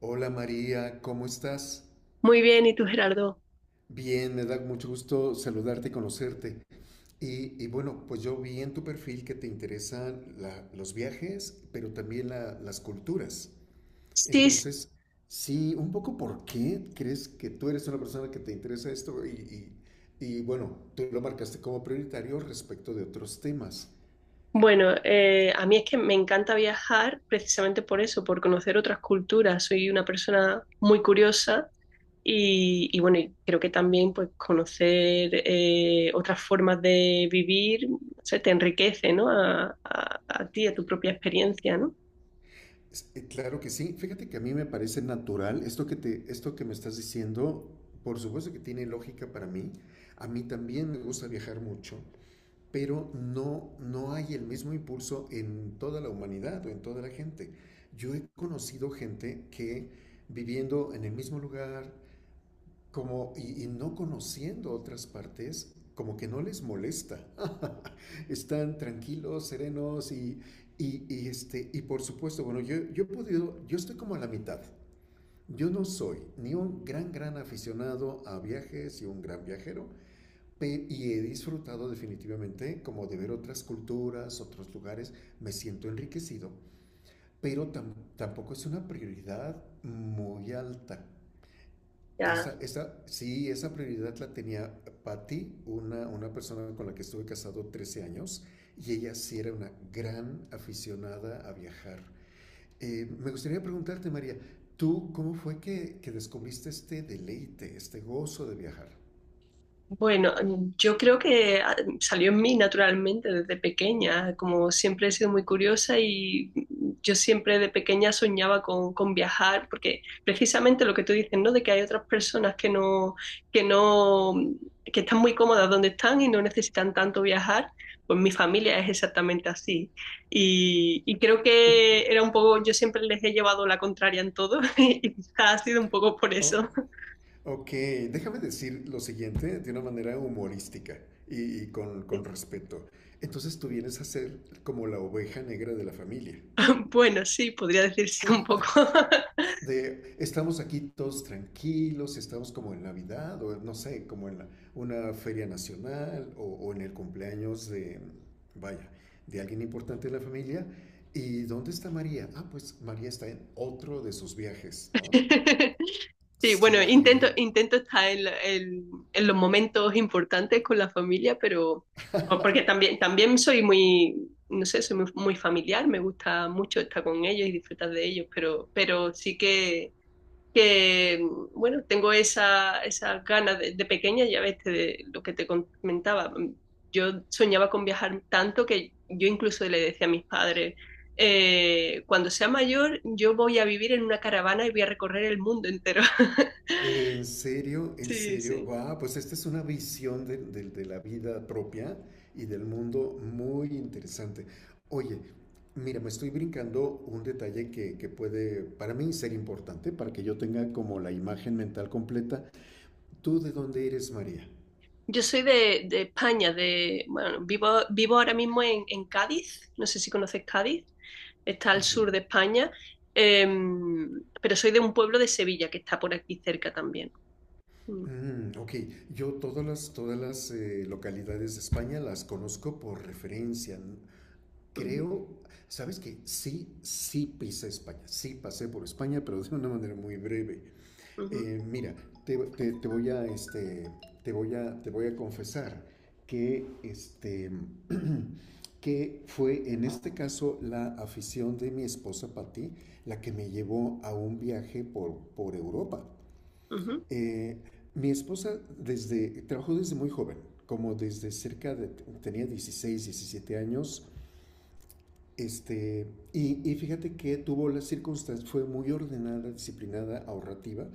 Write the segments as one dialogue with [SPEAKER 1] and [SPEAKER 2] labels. [SPEAKER 1] Hola María, ¿cómo estás?
[SPEAKER 2] Muy bien, ¿y tú, Gerardo?
[SPEAKER 1] Bien, me da mucho gusto saludarte y conocerte. Y bueno, pues yo vi en tu perfil que te interesan los viajes, pero también las culturas.
[SPEAKER 2] Sí, s-
[SPEAKER 1] Entonces, sí, un poco por qué crees que tú eres una persona que te interesa esto y bueno, tú lo marcaste como prioritario respecto de otros temas.
[SPEAKER 2] bueno, a mí es que me encanta viajar precisamente por eso, por conocer otras culturas. Soy una persona muy curiosa y bueno, y creo que también pues conocer otras formas de vivir, o sea, te enriquece, ¿no? A ti, a tu propia experiencia, ¿no?
[SPEAKER 1] Claro que sí. Fíjate que a mí me parece natural esto que me estás diciendo, por supuesto que tiene lógica para mí. A mí también me gusta viajar mucho, pero no, no hay el mismo impulso en toda la humanidad o en toda la gente. Yo he conocido gente que viviendo en el mismo lugar, como, y no conociendo otras partes, como que no les molesta. Están tranquilos, serenos y por supuesto, bueno, yo he podido, yo estoy como a la mitad. Yo no soy ni un gran, gran aficionado a viajes y un gran viajero, y he disfrutado definitivamente como de ver otras culturas, otros lugares, me siento enriquecido, pero tampoco es una prioridad muy alta.
[SPEAKER 2] Ya.
[SPEAKER 1] Esa, sí, esa prioridad la tenía Patty, una persona con la que estuve casado 13 años, y ella sí era una gran aficionada a viajar. Me gustaría preguntarte, María, ¿tú cómo fue que descubriste este deleite, este gozo de viajar?
[SPEAKER 2] Bueno, yo creo que salió en mí naturalmente desde pequeña, como siempre he sido muy curiosa y yo siempre de pequeña soñaba con viajar, porque precisamente lo que tú dices, ¿no? De que hay otras personas que no, que no, mm, que están muy cómodas donde están y no necesitan tanto viajar, pues mi familia es exactamente así. Y creo que era un poco, yo siempre les he llevado la contraria en todo y quizás ha sido un poco por
[SPEAKER 1] Oh,
[SPEAKER 2] eso.
[SPEAKER 1] ok, déjame decir lo siguiente de una manera humorística y con
[SPEAKER 2] Sí.
[SPEAKER 1] respeto. Entonces tú vienes a ser como la oveja negra de la familia.
[SPEAKER 2] Bueno, sí, podría decirse un poco.
[SPEAKER 1] De Estamos aquí todos tranquilos, si estamos como en Navidad o no sé, como en una feria nacional o en el cumpleaños vaya, de alguien importante de la familia. ¿Y dónde está María? Ah, pues María está en otro de sus viajes, ¿no?
[SPEAKER 2] Sí,
[SPEAKER 1] Sí,
[SPEAKER 2] bueno,
[SPEAKER 1] ay, oye,
[SPEAKER 2] intento estar en, en los momentos importantes con la familia, pero porque también soy muy, no sé, soy muy familiar, me gusta mucho estar con ellos y disfrutar de ellos, pero sí que, bueno, tengo esa, esa gana de pequeña, ya ves, de lo que te comentaba. Yo soñaba con viajar tanto que yo incluso le decía a mis padres, cuando sea mayor, yo voy a vivir en una caravana y voy a recorrer el mundo entero.
[SPEAKER 1] En
[SPEAKER 2] Sí,
[SPEAKER 1] serio,
[SPEAKER 2] sí.
[SPEAKER 1] guau, pues esta es una visión de la vida propia y del mundo muy interesante. Oye, mira, me estoy brincando un detalle que puede para mí ser importante para que yo tenga como la imagen mental completa. ¿Tú de dónde eres, María?
[SPEAKER 2] Yo soy de España, de, bueno, vivo ahora mismo en Cádiz, no sé si conoces Cádiz, está al sur de España, em, pero soy de un pueblo de Sevilla que está por aquí cerca también. Mm.
[SPEAKER 1] Mm, ok, yo todas las, todas las localidades de España las conozco por referencia.
[SPEAKER 2] Ujú,
[SPEAKER 1] Creo, ¿sabes qué? Sí, sí pisé España, sí pasé por España, pero de una manera muy breve.
[SPEAKER 2] ujú,
[SPEAKER 1] Mira, te, te, te, voy a, este, te voy a confesar que, este, que fue en este caso la afición de mi esposa Patti la que me llevó a un viaje por Europa.
[SPEAKER 2] ujú.
[SPEAKER 1] Eh, Mi esposa trabajó desde muy joven, como desde cerca de, tenía 16, 17 años. Este, y fíjate que tuvo las circunstancias, fue muy ordenada, disciplinada, ahorrativa,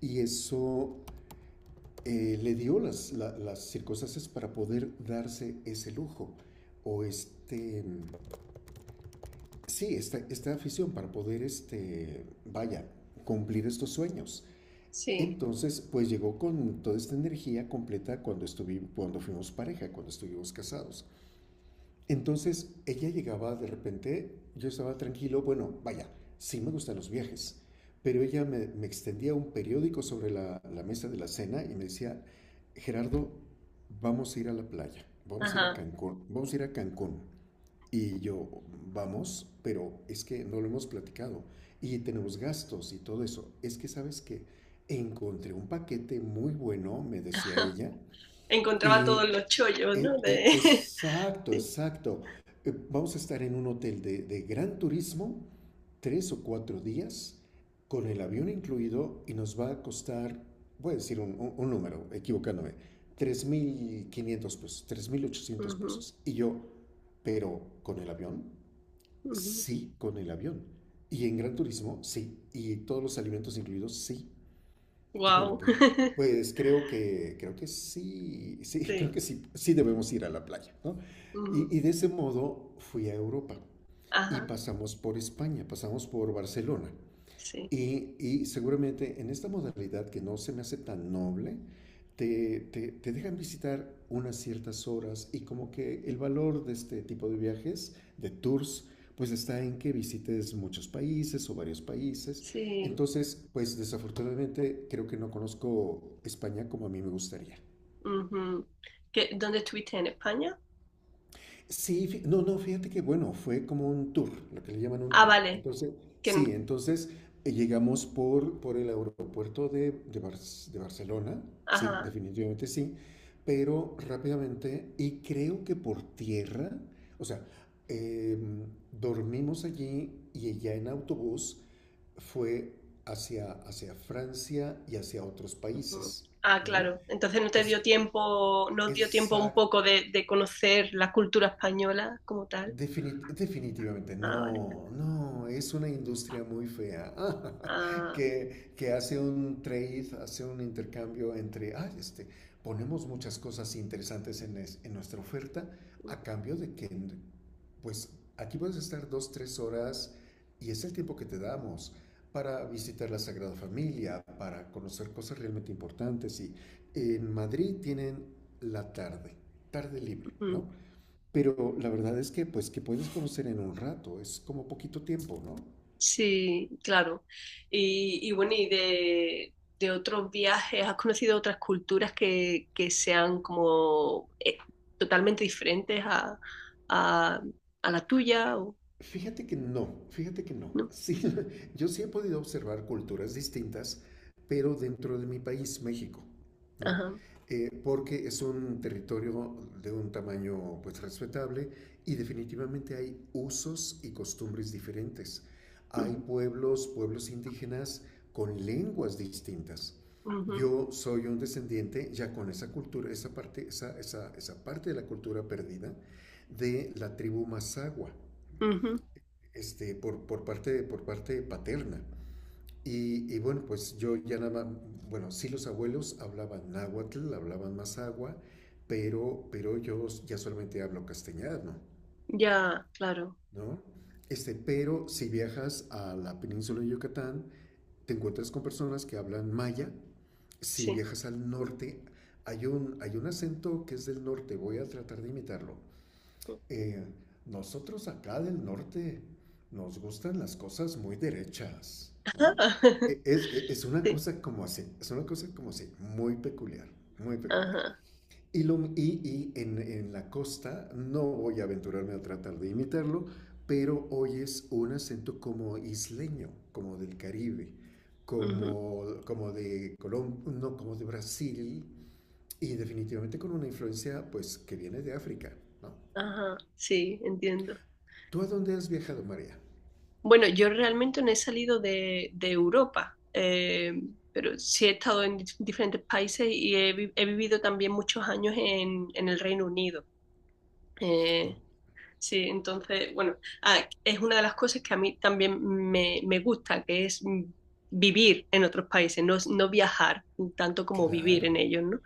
[SPEAKER 1] y eso le dio las circunstancias para poder darse ese lujo o este, sí, esta afición para poder, vaya, cumplir estos sueños.
[SPEAKER 2] Sí,
[SPEAKER 1] Entonces, pues llegó con toda esta energía completa cuando fuimos pareja, cuando estuvimos casados. Entonces ella llegaba de repente, yo estaba tranquilo, bueno, vaya, sí me gustan los viajes, pero ella me extendía un periódico sobre la mesa de la cena y me decía, Gerardo, vamos a ir a la playa, vamos a ir a
[SPEAKER 2] ajá.
[SPEAKER 1] Cancún, vamos a ir a Cancún. Y yo, vamos, pero es que no lo hemos platicado y tenemos gastos y todo eso. Es que sabes que encontré un paquete muy bueno, me decía ella, y
[SPEAKER 2] Encontraba todos los chollos, ¿no? De…
[SPEAKER 1] exacto,
[SPEAKER 2] Sí.
[SPEAKER 1] exacto. Vamos a estar en un hotel de gran turismo, 3 o 4 días, con el avión incluido, y nos va a costar, voy a decir un, un número, equivocándome, 3,500 pesos, 3,800 pesos. Y yo, pero con el avión, sí, con el avión. Y en gran turismo, sí. Y todos los alimentos incluidos, sí. Híjole,
[SPEAKER 2] Wow.
[SPEAKER 1] pues, pues creo que sí, sí, creo
[SPEAKER 2] Sí.
[SPEAKER 1] que sí, sí debemos ir a la playa, ¿no?
[SPEAKER 2] Ujú.
[SPEAKER 1] Y de ese modo fui a Europa y
[SPEAKER 2] Ajá.
[SPEAKER 1] pasamos por España, pasamos por Barcelona.
[SPEAKER 2] Sí.
[SPEAKER 1] Y seguramente en esta modalidad que no se me hace tan noble, te, te dejan visitar unas ciertas horas y como que el valor de este tipo de viajes, de tours, pues está en que visites muchos países o varios países.
[SPEAKER 2] Sí.
[SPEAKER 1] Entonces, pues desafortunadamente creo que no conozco España como a mí me gustaría.
[SPEAKER 2] Ujú. ¿Qué- ¿Dónde estuviste? ¿En España?
[SPEAKER 1] Sí, no, no, fíjate que bueno, fue como un tour, lo que le llaman un
[SPEAKER 2] Ah,
[SPEAKER 1] tour.
[SPEAKER 2] vale.
[SPEAKER 1] Entonces,
[SPEAKER 2] Que en-
[SPEAKER 1] sí, entonces eh, llegamos por el aeropuerto de Barcelona, sí,
[SPEAKER 2] Ajá.
[SPEAKER 1] definitivamente sí, pero rápidamente, y creo que por tierra, o sea, em, dormimos allí y ya en autobús fue hacia Francia y hacia otros
[SPEAKER 2] Ujú.
[SPEAKER 1] países,
[SPEAKER 2] Ah,
[SPEAKER 1] ¿no?
[SPEAKER 2] claro. Entonces no te
[SPEAKER 1] Es,
[SPEAKER 2] dio tiempo, no os dio tiempo un poco
[SPEAKER 1] exacto,
[SPEAKER 2] de conocer la cultura española como tal.
[SPEAKER 1] Definitivamente,
[SPEAKER 2] Ah, vale.
[SPEAKER 1] no, no, es una industria muy fea
[SPEAKER 2] Ah,
[SPEAKER 1] que hace un trade, hace un intercambio entre, ay, ponemos muchas cosas interesantes en nuestra oferta a cambio de que, pues, aquí puedes estar dos, tres horas y es el tiempo que te damos para visitar la Sagrada Familia, para conocer cosas realmente importantes. Y en Madrid tienen la tarde, tarde libre,
[SPEAKER 2] ujú.
[SPEAKER 1] ¿no? Pero la verdad es que, pues, que puedes conocer en un rato, es como poquito tiempo, ¿no?
[SPEAKER 2] Sí, claro. Y bueno, y de otros viajes, ¿has conocido otras culturas que sean como totalmente diferentes a, a la tuya? O,
[SPEAKER 1] Fíjate que no, fíjate que no.
[SPEAKER 2] ¿no?
[SPEAKER 1] Sí, yo sí he podido observar culturas distintas, pero dentro de mi país, México, ¿no?
[SPEAKER 2] Ajá.
[SPEAKER 1] Porque es un territorio de un tamaño pues respetable y definitivamente hay usos y costumbres diferentes. Hay
[SPEAKER 2] Ujú,
[SPEAKER 1] pueblos, pueblos indígenas con lenguas distintas.
[SPEAKER 2] ujú,
[SPEAKER 1] Yo soy un descendiente ya con esa cultura, esa parte, esa parte de la cultura perdida de la tribu Mazahua
[SPEAKER 2] ujú.
[SPEAKER 1] por parte paterna. Y, bueno, pues yo ya nada más, bueno, sí los abuelos hablaban náhuatl, hablaban mazagua, pero yo ya solamente hablo castellano,
[SPEAKER 2] Ya, claro,
[SPEAKER 1] ¿no? Pero si viajas a la península de Yucatán, te encuentras con personas que hablan maya. Si
[SPEAKER 2] sí.
[SPEAKER 1] viajas al norte, hay un acento que es del norte, voy a tratar de imitarlo. Eh, Nosotros acá del norte nos gustan las cosas muy derechas, ¿no? Es una
[SPEAKER 2] Sí,
[SPEAKER 1] cosa como así, es una cosa como así, muy peculiar, muy peculiar.
[SPEAKER 2] ajá,
[SPEAKER 1] Y en la costa, no voy a aventurarme a tratar de imitarlo, pero oyes un acento como isleño, como del Caribe,
[SPEAKER 2] ujú,
[SPEAKER 1] como de Colombia, no, como de Brasil, y definitivamente con una influencia pues que viene de África, ¿no?
[SPEAKER 2] ajá, sí, entiendo.
[SPEAKER 1] ¿Tú a dónde has viajado, María?
[SPEAKER 2] Bueno, yo realmente no he salido de Europa, pero sí he estado en diferentes países y he, he vivido también muchos años en el Reino Unido.
[SPEAKER 1] Oh,
[SPEAKER 2] Eh, sí, entonces, bueno, ah, es una de las cosas que a mí también me gusta, que es vivir en otros países, no, no viajar tanto como vivir
[SPEAKER 1] claro.
[SPEAKER 2] en ellos, ¿no?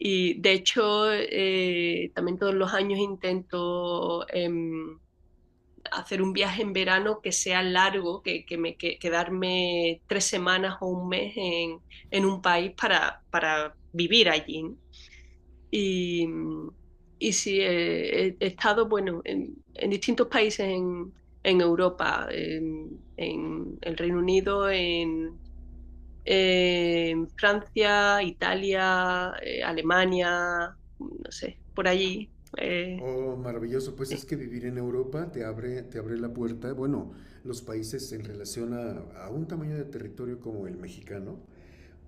[SPEAKER 2] Y de hecho, también todos los años intento… hacer un viaje en verano que sea largo, que me que, quedarme tres semanas o un mes en un país para vivir allí. ¿No? Y, y sí, he, he estado, bueno, en distintos países en Europa, en el Reino Unido, en Francia, Italia, Alemania, no sé, por allí. eh,
[SPEAKER 1] Oh, maravilloso. Pues
[SPEAKER 2] sí,
[SPEAKER 1] es que vivir en Europa te abre la puerta. Bueno, los países en relación a un tamaño de territorio como el mexicano,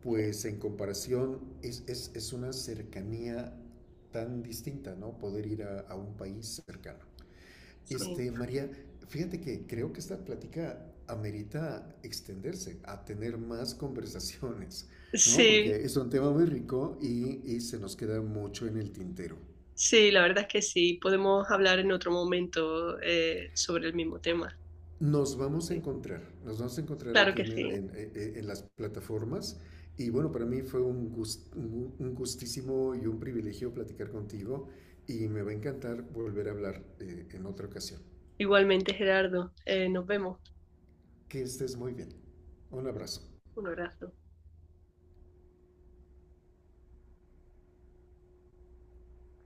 [SPEAKER 1] pues en comparación es, es una cercanía tan distinta, ¿no? Poder ir a un país cercano.
[SPEAKER 2] sí.
[SPEAKER 1] María, fíjate que creo que esta plática amerita extenderse, a tener más conversaciones, ¿no? Porque
[SPEAKER 2] Sí,
[SPEAKER 1] es un tema muy rico y se nos queda mucho en el tintero.
[SPEAKER 2] sí, la verdad es que sí. Podemos hablar en otro momento sobre el mismo tema.
[SPEAKER 1] Nos vamos a
[SPEAKER 2] Sí.
[SPEAKER 1] encontrar, nos vamos a encontrar
[SPEAKER 2] Claro
[SPEAKER 1] aquí
[SPEAKER 2] que
[SPEAKER 1] en,
[SPEAKER 2] sí.
[SPEAKER 1] en las plataformas y bueno, para mí fue un gustísimo y un privilegio platicar contigo y me va a encantar volver a hablar en otra ocasión.
[SPEAKER 2] Igualmente, Gerardo, nos vemos.
[SPEAKER 1] Que estés muy bien. Un abrazo.
[SPEAKER 2] Un abrazo.